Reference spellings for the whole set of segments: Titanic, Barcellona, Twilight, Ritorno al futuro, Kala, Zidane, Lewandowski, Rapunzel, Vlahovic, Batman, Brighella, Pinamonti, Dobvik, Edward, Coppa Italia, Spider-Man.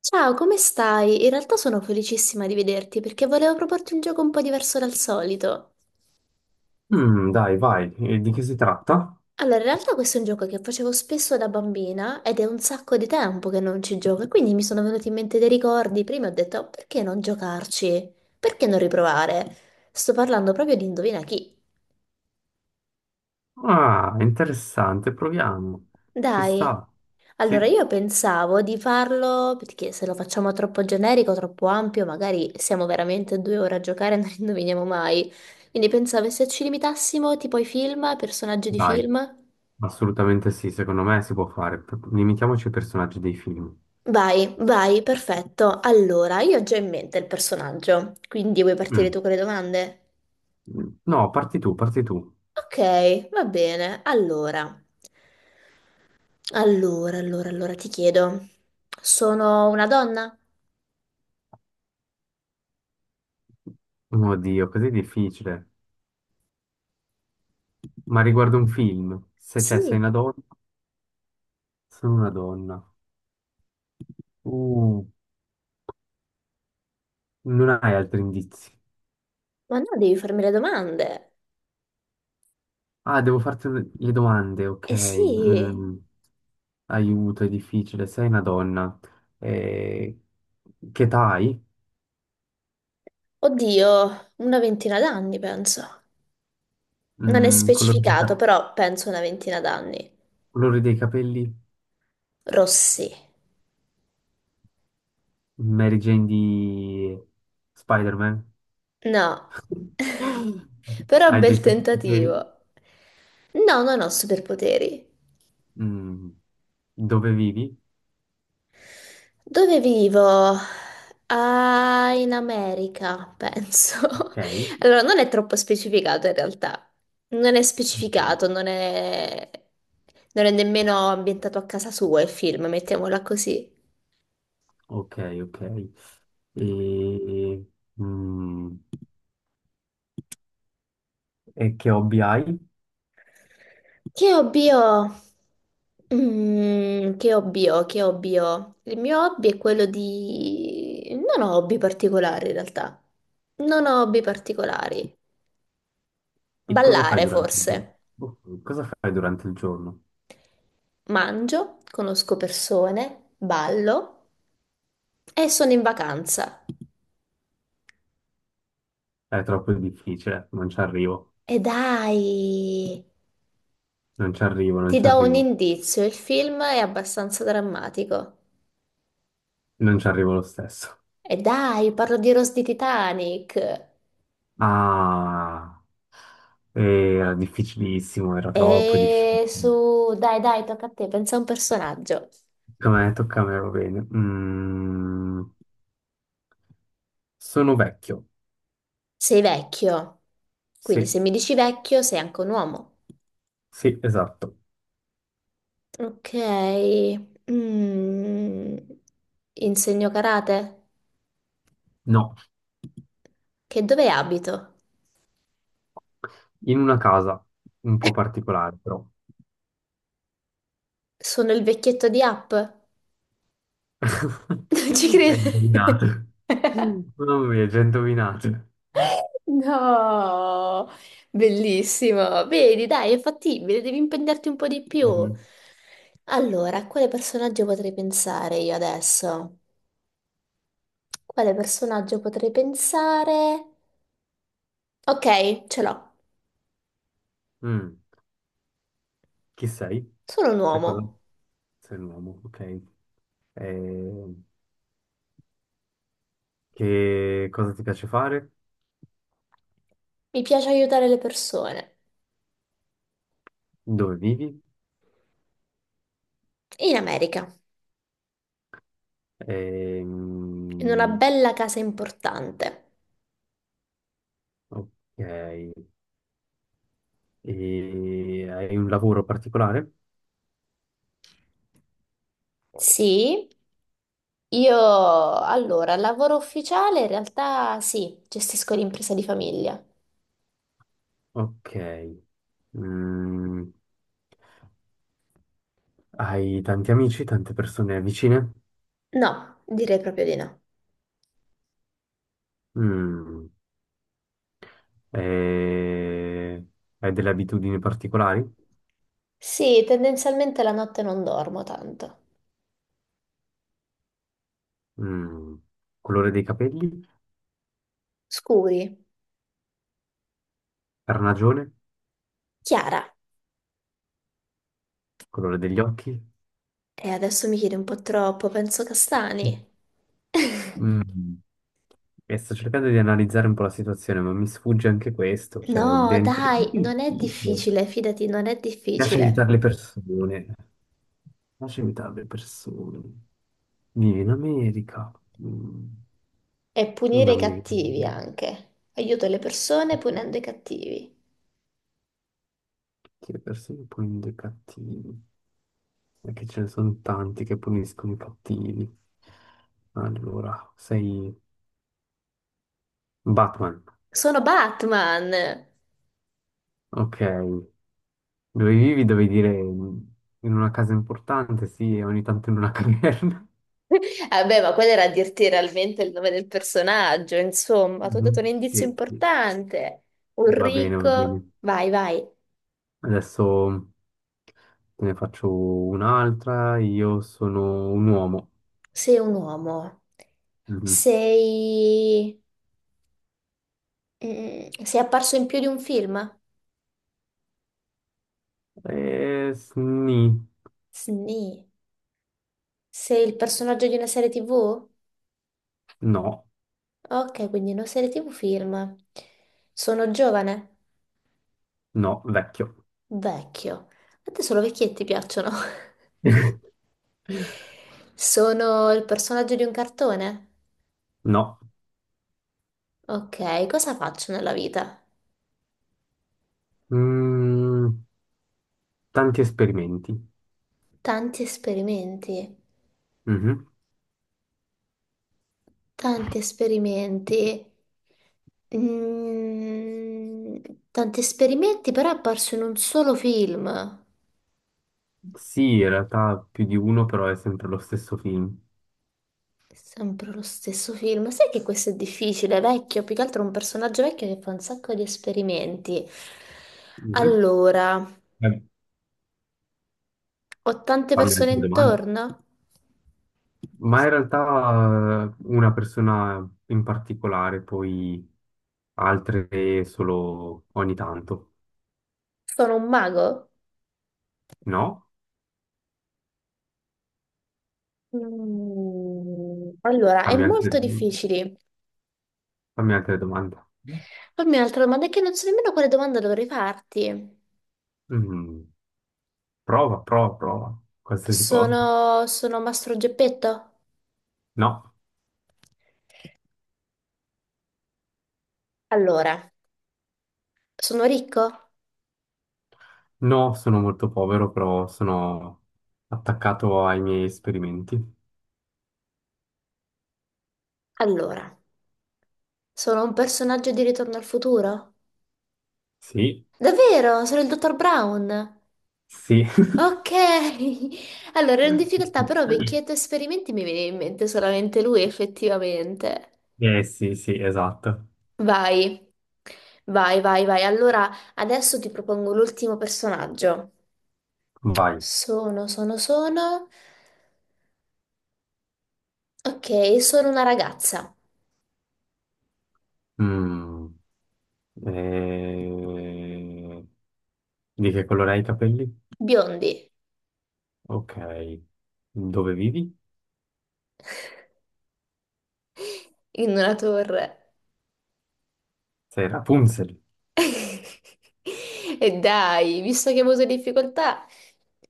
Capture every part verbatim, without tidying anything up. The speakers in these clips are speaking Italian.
Ciao, come stai? In realtà sono felicissima di vederti perché volevo proporti un gioco un po' diverso dal solito. Mm, dai, vai. E di che si tratta? Allora, in realtà questo è un gioco che facevo spesso da bambina ed è un sacco di tempo che non ci gioco e quindi mi sono venuti in mente dei ricordi. Prima ho detto, "Oh, perché non giocarci? Perché non riprovare? Sto parlando proprio di Indovina chi. Ah, interessante, proviamo. Ci Dai. sta. Allora, Sì, io pensavo di farlo, perché se lo facciamo troppo generico, troppo ampio, magari siamo veramente due ore a giocare e non indoviniamo mai. Quindi pensavo se ci limitassimo tipo ai film, ai personaggi di dai, film. assolutamente sì, secondo me si può fare. P- Limitiamoci ai personaggi dei film. Vai, vai, perfetto. Allora, io ho già in mente il personaggio, quindi vuoi partire Mm. tu con le domande? No, parti tu, parti tu. Ok, va bene. Allora, allora, allora, allora ti chiedo, sono una donna? Oddio, così difficile. Ma riguardo un film, se c'è, sei Sì, una donna, sono una donna. Uh, Non hai altri indizi. ma no, devi farmi le domande. Ah, devo farti un- le domande, ok. Eh sì, Mm, aiuto, è difficile. Sei una donna. Eh, che età hai? oddio, una ventina d'anni penso. Non è Mm, colore, di specificato, ca- però penso una ventina d'anni. colore dei capelli? Rossi. Mary Jane di Spider-Man? No, però Hai dei bel tentativo. superpoteri? No, non ho superpoteri. Mm, Dove vivi? Dove vivo? Ah, in America, penso. Ok. Allora, non è troppo specificato in realtà. Non è Mm, specificato, non è... non è nemmeno ambientato a casa sua il film, mettiamola così. Ok, ok. E, mm, e che hobby hai? Che hobby ho? Mm, che hobby ho? Che hobby ho? Il mio hobby è quello di... Non ho hobby particolari in realtà. Non ho hobby particolari. Che cosa fai Ballare durante il giorno? forse. Boh, cosa fai durante il giorno? Mangio, conosco persone, ballo e sono in vacanza. È troppo difficile, non ci arrivo, E dai, non ci arrivo, non ti ci do un arrivo, indizio, il film è abbastanza drammatico. non ci arrivo lo stesso. E dai, parlo di Rose di Titanic. Ah, era difficilissimo, era troppo difficile. E su, dai, dai, tocca a te, pensa a un personaggio. Tocca a me, tocca a me, va bene. Mm, sono vecchio, Sei vecchio, quindi sì, se mi dici vecchio sei anche un uomo. sì, esatto. Ok, Mm. Insegno karate? No, Che dove abito? in una casa un po' particolare, però. Sono il vecchietto di App? Non ci Hai credo. indovinato. Mamma mia, già indovinato. No, bellissimo. Vedi, dai, è fattibile, devi impegnarti un po' di più. Mhm. Allora, a quale personaggio potrei pensare io adesso? Quale personaggio potrei pensare? Ok, ce l'ho. Mm. Chi sei? Sono un Cioè, cosa... uomo. Sei un uomo, ok. Eh, che cosa ti piace fare? Mi piace aiutare le persone. Dove vivi? In America, in una Ehm, bella casa importante. ok. E hai un lavoro particolare? Sì, io allora, lavoro ufficiale in realtà sì, gestisco l'impresa di famiglia. Ok. Mm, Hai tanti amici, tante persone vicine? No, direi proprio di no. Mm. Eh, Hai delle abitudini particolari? Sì, tendenzialmente la notte non dormo tanto. Mm. Colore dei capelli? Scuri. Carnagione? Chiara. Colore degli occhi? E adesso mi chiedi un po' troppo, penso Mm. castani. Mm. E sto cercando di analizzare un po' la situazione, ma mi sfugge anche questo, cioè il No, dente è dai, non è difficile. difficile, fidati, non è Piace difficile. aiutare le persone, piace aiutare le persone. Vieni in America. Mm, È punire i non mi cattivi anche. Aiuto le persone punendo i cattivi. che le persone puniscono i cattivi, perché ce ne sono tanti che puniscono i cattivi. Allora, sei Batman, Sono Batman! ok, dove vivi? Dovevi dire mm, in una casa importante, sì, e ogni tanto in una caverna. Vabbè, ma quello era a dirti realmente il nome del personaggio, insomma, ti ho dato Mhm. un indizio Sì, sì. importante. Un Va bene, va bene. ricco... Vai, vai. Adesso te ne faccio un'altra. Io sono un uomo. Sei un uomo. Mhm. Sei... mm, sei apparso in più di un film? Eh, sni- Sì. Sei il personaggio di una serie ti vu? No, Ok, quindi non serie ti vu film. Sono giovane? no, vecchio. Vecchio. A te solo vecchietti piacciono. Sono il personaggio di un cartone? No. Ok, cosa faccio nella vita? Mm, tanti esperimenti. Tanti esperimenti. Mhm. Tanti esperimenti. Mm, tanti esperimenti, però è apparso in un solo film. Sì, in realtà più di uno, però è sempre lo stesso film. Sempre lo stesso film. Sai che questo è difficile, è vecchio, più che altro è un personaggio vecchio che fa un sacco di esperimenti. Mhm. Allora, Eh, ho tante Fammi persone altre domande. intorno? Ma in realtà eh, una persona in particolare, poi altre solo ogni tanto, Sono un mago? no? Mm, Allora, è Fammi altre, molto difficile. fammi altre domande. Fammi un'altra domanda, è che non so nemmeno quale domanda dovrei farti. Mm, prova, prova, prova, qualsiasi cosa. Sono, sono Mastro Geppetto? No, Allora, sono ricco? no, sono molto povero, però sono attaccato ai miei esperimenti. Allora, sono un personaggio di Ritorno al futuro? Sì, Davvero? Sono il dottor Brown. sì. Ok. Allora, ero in difficoltà, però vecchietto esperimenti mi viene in mente solamente lui, effettivamente. Eh sì, sì, esatto. Vai. Vai, vai, vai. Allora, adesso ti propongo l'ultimo personaggio. Vai. Sono, sono, sono. Ok, sono una ragazza. Mm, eh, Di che colore hai i capelli? Biondi, Ok. Dove vivi? in una torre. Sei Rapunzel. E dai, visto che hai avuto difficoltà,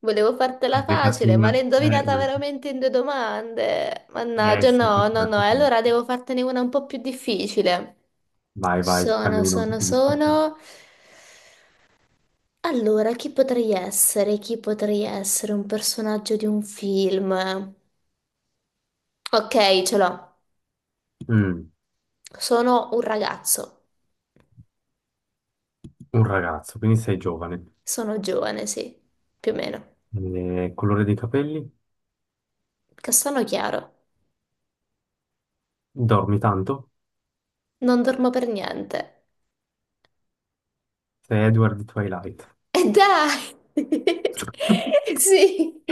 volevo fartela Hai fatto facile, una... ma l'hai indovinata Eh, veramente in due domande. eh Mannaggia, sì, no, questa è no, no. E Rapunzel. allora devo fartene una un po' più difficile. Vai, vai, fanne Sono, uno un po' sono, più difficile. sono. Allora, chi potrei essere? Chi potrei essere un personaggio di un film? Ok, ce l'ho. Mm, Sono un ragazzo. un ragazzo, quindi sei giovane. Sono giovane, sì, più o meno. Eh, colore dei capelli? Castano chiaro. Dormi tanto? Non dormo per niente. Sei Edward di Twilight. Eh, dai! Sì,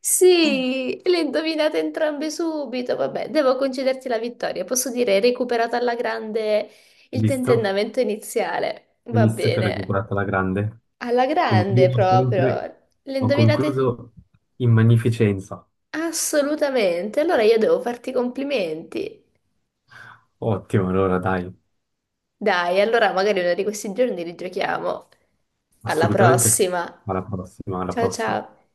sì, le indovinate entrambe subito. Vabbè, devo concederti la vittoria. Posso dire, hai recuperato alla grande il Visto? tentennamento iniziale. Hai Va visto che ho bene, recuperato la grande? alla grande Concludo proprio. sempre... Le Ho indovinate concluso in magnificenza. assolutamente. Allora io devo farti i complimenti. Ottimo, allora dai. Dai, allora magari uno di questi giorni rigiochiamo. Alla Assolutamente sì. prossima. Alla prossima, alla Ciao prossima. ciao.